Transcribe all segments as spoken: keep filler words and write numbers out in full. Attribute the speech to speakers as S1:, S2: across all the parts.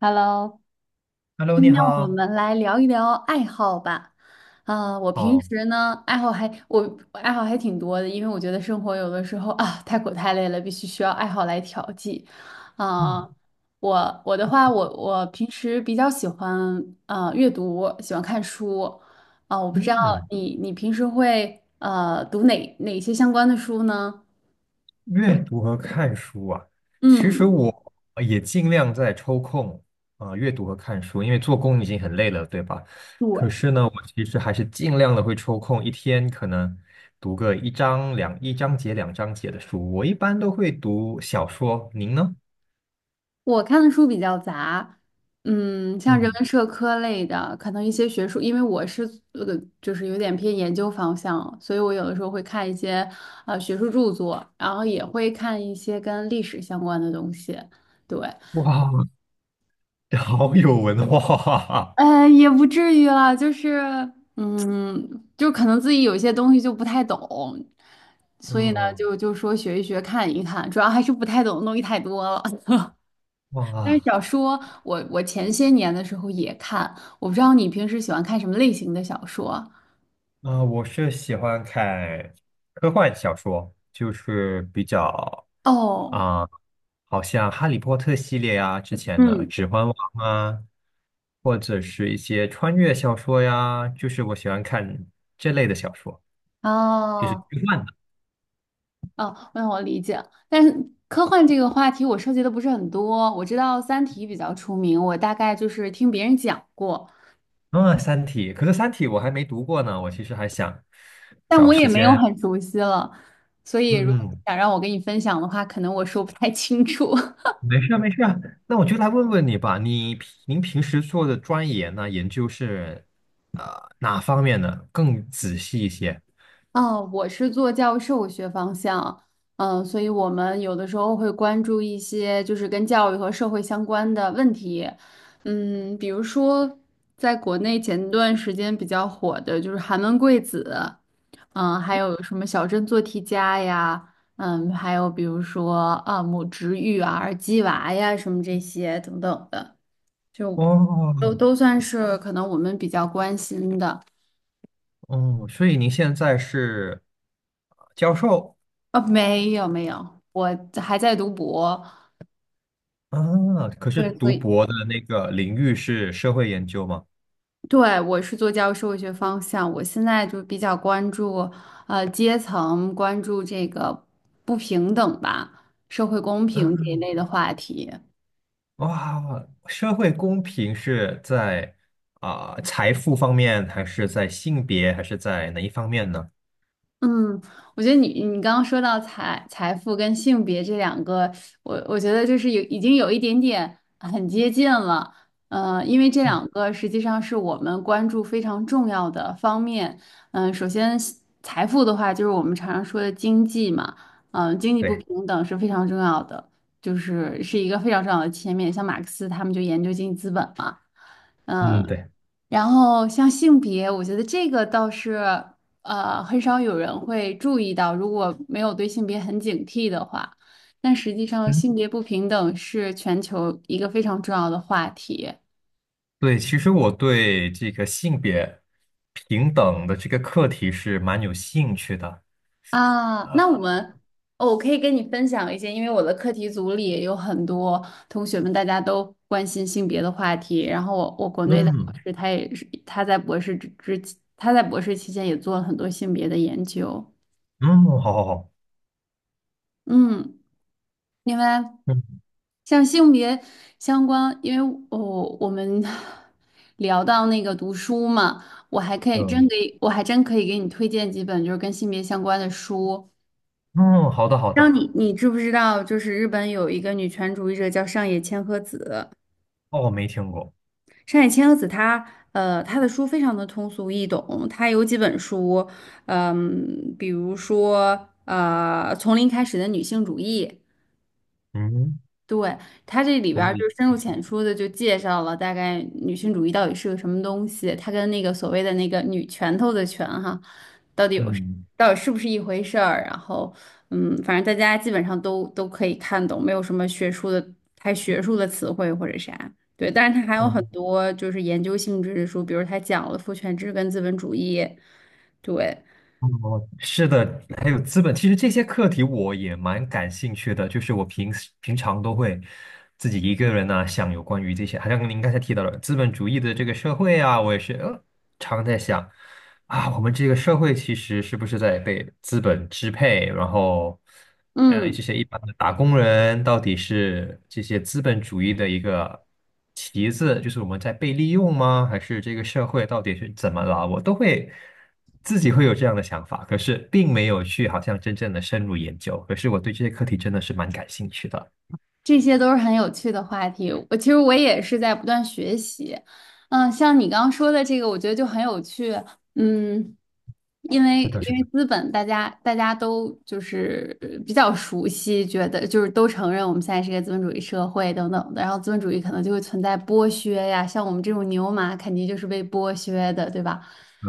S1: Hello，
S2: Hello，你
S1: 今天我
S2: 好。
S1: 们来聊一聊爱好吧。啊、我平
S2: 好，
S1: 时呢，爱好还我我爱好还挺多的，因为我觉得生活有的时候啊太苦太累了，必须需要爱好来调剂。啊、
S2: 嗯
S1: 我我的话，我我平时比较喜欢呃阅读，喜欢看书。啊、我不知道
S2: 嗯，
S1: 你你平时会呃读哪哪些相关的书呢？
S2: 阅读和看书啊，其实嗯
S1: 嗯。
S2: 我也尽量在抽空啊、阅读和看书，因为做工已经很累了，对吧？可
S1: 对。
S2: 是呢，我其实还是尽量的会抽空，一天可能读个一章两一章节两章节的书。我一般都会读小说，您呢？
S1: 我看的书比较杂，嗯，像人
S2: 嗯，
S1: 文社科类的，可能一些学术，因为我是呃，就是有点偏研究方向，所以我有的时候会看一些呃学术著作，然后也会看一些跟历史相关的东西。对，
S2: 哇，好有文化，
S1: 呃，也不至于啦，就是嗯，就可能自己有一些东西就不太懂，所以呢，
S2: 嗯，
S1: 就就说学一学，看一看，主要还是不太懂的东西太多了。但是
S2: 哇。
S1: 小说，我我前些年的时候也看，我不知道你平时喜欢看什么类型的小说。
S2: 啊，我是喜欢看科幻小说，就是比较
S1: 哦，
S2: 啊、好像《哈利波特》系列啊，之前的
S1: 嗯，
S2: 《指环王》啊，或者是一些穿越小说呀，就是我喜欢看这类的小说，就是科
S1: 哦
S2: 幻的。
S1: 哦，那我理解。但是科幻这个话题我涉及的不是很多，我知道《三体》比较出名，我大概就是听别人讲过，
S2: 啊，《三体》，可是《三体》我还没读过呢，我其实还想
S1: 但
S2: 找
S1: 我也
S2: 时
S1: 没有
S2: 间，
S1: 很熟悉了，所以如果你
S2: 嗯。
S1: 想让我跟你分享的话，可能我说不太清楚。
S2: 没事啊没事啊。那我就来问问你吧，你平您平时做的专研呢，研究是呃哪方面呢？更仔细一些。
S1: 哦，我是做教授学方向。嗯，所以我们有的时候会关注一些就是跟教育和社会相关的问题，嗯，比如说在国内前段时间比较火的就是寒门贵子。嗯，还有什么小镇做题家呀。嗯，还有比如说啊母职育儿、鸡娃呀什么这些等等的，就
S2: 哦
S1: 都都算是可能我们比较关心的。
S2: 哦，所以您现在是呃教授
S1: 啊，没有没有，我还在读博。
S2: 啊，可是
S1: 对，所
S2: 读
S1: 以
S2: 博的那个领域是社会研究吗？
S1: 对我是做教育社会学方向，我现在就比较关注呃阶层，关注这个不平等吧，社会公平这一
S2: 嗯，
S1: 类的话题。
S2: 哇，社会公平是在啊、财富方面，还是在性别，还是在哪一方面呢？
S1: 嗯，我觉得你你刚刚说到财财富跟性别这两个，我我觉得就是有已经有一点点很接近了，呃，因为这两个实际上是我们关注非常重要的方面。嗯、首先财富的话，就是我们常常说的经济嘛，嗯、经济不
S2: 对，
S1: 平等是非常重要的，就是是一个非常重要的切面。像马克思他们就研究经济资本嘛。
S2: 嗯，
S1: 嗯。
S2: 对。
S1: 然后像性别，我觉得这个倒是呃很少有人会注意到，如果没有对性别很警惕的话，但实际上性
S2: 嗯。
S1: 别不平等是全球一个非常重要的话题
S2: 对，其实我对这个性别平等的这个课题是蛮有兴趣的。
S1: 啊。那我们，哦，我可以跟你分享一些，因为我的课题组里也有很多同学们，大家都关心性别的话题。然后我我国内的老
S2: 嗯
S1: 师他也是他在博士之之他在博士期间也做了很多性别的研究。
S2: 嗯，好好好，
S1: 嗯。另外，
S2: 嗯
S1: 像性别相关，因为我我们 聊到那个读书嘛，我还可以
S2: 嗯
S1: 真给，我还真可以给你推荐几本就是跟性别相关的书。
S2: 嗯，好的好
S1: 让
S2: 的。
S1: 你你知不知道，就是日本有一个女权主义者叫上野千鹤子。
S2: 哦，我没听过。
S1: 上野千鹤子她呃她的书非常的通俗易懂，她有几本书，嗯，比如说呃《从零开始的女性主义》。
S2: 嗯，
S1: 对，它这里边儿
S2: 同
S1: 就
S2: 理。
S1: 深入浅出的就介绍了大概女性主义到底是个什么东西，它跟那个所谓的那个女拳头的拳哈，
S2: 嗯
S1: 到底是不是一回事儿。然后，嗯，反正大家基本上都都可以看懂，没有什么学术的太学术的词汇或者啥。对，但是它还有
S2: 嗯
S1: 很多就是研究性质的书，比如它讲了父权制跟资本主义。对，
S2: 哦，是的，还有资本，其实这些课题我也蛮感兴趣的，就是我平时平常都会自己一个人呢、想有关于这些，好像您刚才提到了资本主义的这个社会啊，我也是呃常在想。啊，我们这个社会其实是不是在被资本支配？然后，嗯，
S1: 嗯。
S2: 这些一般的打工人到底是这些资本主义的一个旗子，就是我们在被利用吗？还是这个社会到底是怎么了？我都会自己会有这样的想法，可是并没有去好像真正的深入研究。可是我对这些课题真的是蛮感兴趣的。
S1: 这些都是很有趣的话题。我其实我也是在不断学习，嗯，像你刚刚说的这个，我觉得就很有趣。嗯，因为
S2: 是的，
S1: 因
S2: 是
S1: 为
S2: 的，
S1: 资本，大家大家都就是呃比较熟悉，觉得就是都承认我们现在是一个资本主义社会等等的，然后资本主义可能就会存在剥削呀，像我们这种牛马肯定就是被剥削的，对吧？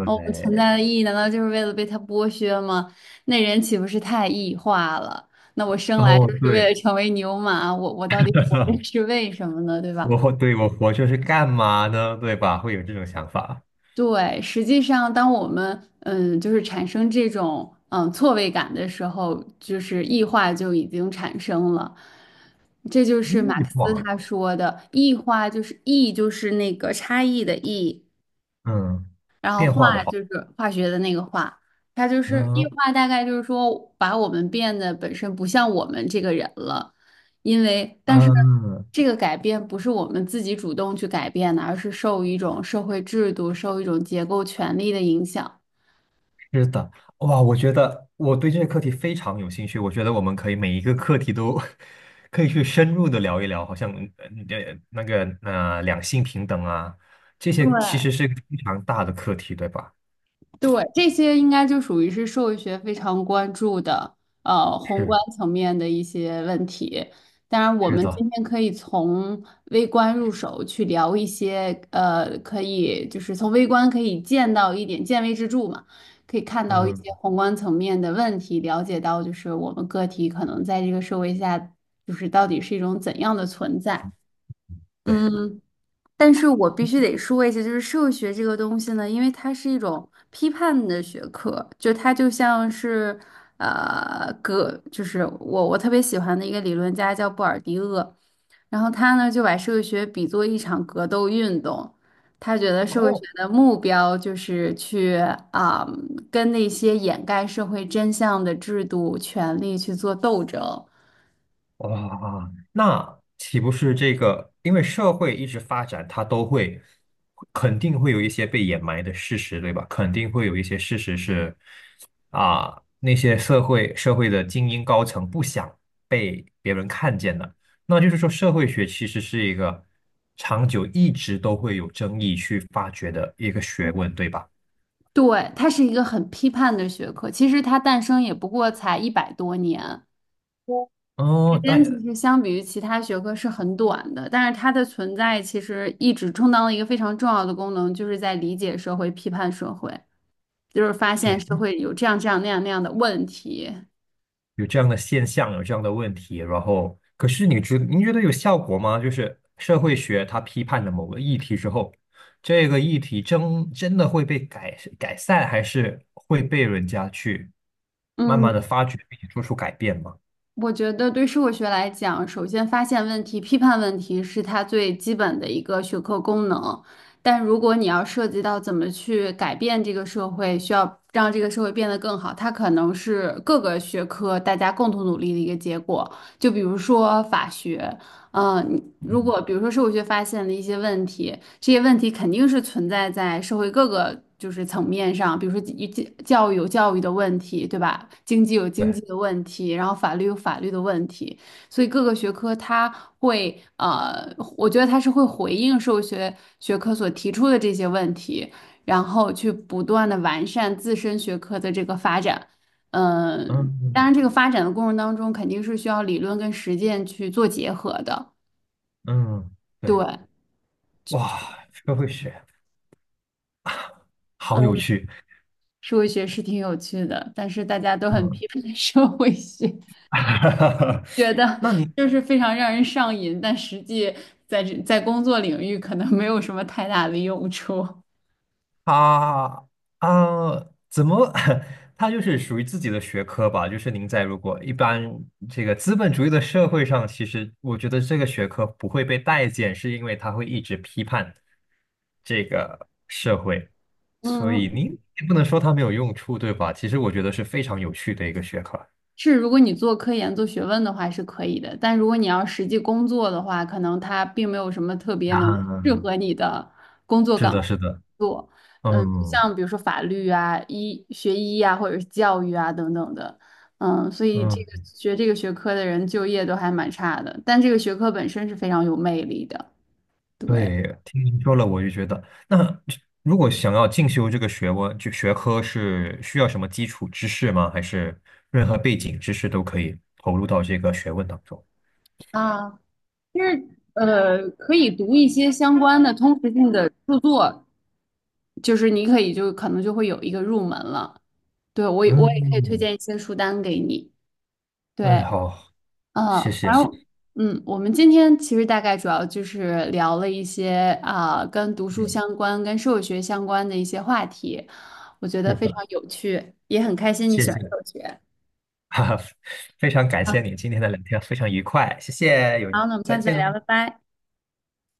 S1: 那我们存
S2: 对，
S1: 在的意义难道就是为了被他剥削吗？那人岂不是太异化了？那我生来
S2: 哦，
S1: 就是为了
S2: 对，
S1: 成为牛马，我我到底活 着是为什么呢？对吧？
S2: 我对我活着是干嘛呢？对吧？会有这种想法。
S1: 对，实际上，当我们嗯，就是产生这种嗯错位感的时候，就是异化就已经产生了。这就是马克
S2: 欲
S1: 思
S2: 望。
S1: 他说的异化，就是异，就是那个差异的异，
S2: 嗯，
S1: 然后
S2: 变化的
S1: 化
S2: 话，
S1: 就是化学的那个化，它就是异
S2: 嗯
S1: 化，大概就是说把我们变得本身不像我们这个人了，因为但是
S2: 嗯，
S1: 这个改变不是我们自己主动去改变的，而是受一种社会制度、受一种结构权力的影响。
S2: 是的，哇，我觉得我对这个课题非常有兴趣，我觉得我们可以每一个课题都 可以去深入的聊一聊，好像嗯呃你的那个呃两性平等啊，这些其实
S1: 对，
S2: 是非常大的课题，对吧？
S1: 对，这些应该就属于是社会学非常关注的，呃，宏
S2: 是
S1: 观层面的一些问题。当然，我
S2: 是
S1: 们
S2: 的，
S1: 今天可以从微观入手去聊一些，呃，可以就是从微观可以见到一点见微知著嘛，可以看到一
S2: 嗯，
S1: 些宏观层面的问题，了解到就是我们个体可能在这个社会下，就是到底是一种怎样的存在。
S2: 对。
S1: 嗯，但是我必须得说一下，就是社会学这个东西呢，因为它是一种批判的学科，就它就像是，呃，格，就是我我特别喜欢的一个理论家叫布尔迪厄，然后他呢就把社会学比作一场格斗运动，他觉得社会学
S2: 哦。
S1: 的目标就是去啊、跟那些掩盖社会真相的制度、权利去做斗争。
S2: 哇，啊那岂不是这个？因为社会一直发展，它都会肯定会有一些被掩埋的事实，对吧？肯定会有一些事实是啊，那些社会社会的精英高层不想被别人看见的。那就是说，社会学其实是一个长久一直都会有争议去发掘的一个学问，对吧？
S1: 对，它是一个很批判的学科，其实它诞生也不过才一百多年。时
S2: 哦，
S1: 间其
S2: 但
S1: 实相比于其他学科是很短的，但是它的存在其实一直充当了一个非常重要的功能，就是在理解社会、批判社会，就是发现
S2: 对。
S1: 社会有这样这样那样那样的问题。
S2: 有这样的现象，有这样的问题，然后可是你觉您觉得有效果吗？就是社会学它批判了某个议题之后，这个议题真真的会被改改善，还是会被人家去慢慢的
S1: 嗯。
S2: 发掘并且做出改变吗？
S1: 我觉得对社会学来讲，首先发现问题、批判问题是它最基本的一个学科功能。但如果你要涉及到怎么去改变这个社会，需要让这个社会变得更好，它可能是各个学科大家共同努力的一个结果。就比如说法学。嗯，你如
S2: 嗯，
S1: 果比如说社会学发现了一些问题，这些问题肯定是存在在社会各个就是层面上，比如说教教育有教育的问题，对吧？经济有经济
S2: 对，
S1: 的问题，然后法律有法律的问题，所以各个学科它会呃，我觉得它是会回应社会学学科所提出的这些问题，然后去不断的完善自身学科的这个发展。嗯，
S2: 嗯
S1: 当
S2: 嗯
S1: 然，这个发展的过程当中，肯定是需要理论跟实践去做结合的。
S2: 嗯，对，
S1: 对，
S2: 哇，社会学好有
S1: 嗯，
S2: 趣，
S1: 社会学是挺有趣的，但是大家都很
S2: 嗯，
S1: 批判 社会学，觉 得
S2: 那你
S1: 就是非常让人上瘾，但实际在这在工作领域可能没有什么太大的用处。
S2: 他啊，怎么？他就是属于自己的学科吧。就是您在如果一般这个资本主义的社会上，其实我觉得这个学科不会被待见，是因为他会一直批判这个社会，所
S1: 嗯，
S2: 以您也不能说它没有用处，对吧？其实我觉得是非常有趣的一个学科。
S1: 是，如果你做科研、做学问的话是可以的，但如果你要实际工作的话，可能它并没有什么特别能适
S2: 啊，
S1: 合你的工作
S2: 是
S1: 岗
S2: 的，
S1: 位
S2: 是的，
S1: 做。嗯，
S2: 嗯
S1: 像比如说法律啊、医学医啊，或者是教育啊等等的。嗯，所以这个
S2: 嗯。
S1: 学这个学科的人就业都还蛮差的，但这个学科本身是非常有魅力的。对。
S2: 对，听您说了，我就觉得，那如果想要进修这个学问，就学科是需要什么基础知识吗？还是任何背景知识都可以投入到这个学问当中？
S1: 啊，就是呃，可以读一些相关的通识性的著作，就是你可以就可能就会有一个入门了。对，我也我也可以推
S2: 嗯，
S1: 荐一些书单给你。
S2: 哎，
S1: 对，
S2: 好，
S1: 嗯，
S2: 谢谢，
S1: 反
S2: 谢谢，
S1: 正，嗯，我们今天其实大概主要就是聊了一些啊、跟读书相
S2: 嗯
S1: 关、跟社会学相关的一些话题，我觉得
S2: 是
S1: 非
S2: 的，
S1: 常有趣，也很开心你
S2: 谢
S1: 喜欢
S2: 谢，
S1: 社会学。
S2: 哈哈，非常感
S1: 啊，
S2: 谢你今天的聊天，非常愉快，谢谢，有，
S1: 好，那我们下
S2: 再
S1: 次再
S2: 见喽。
S1: 聊，拜拜。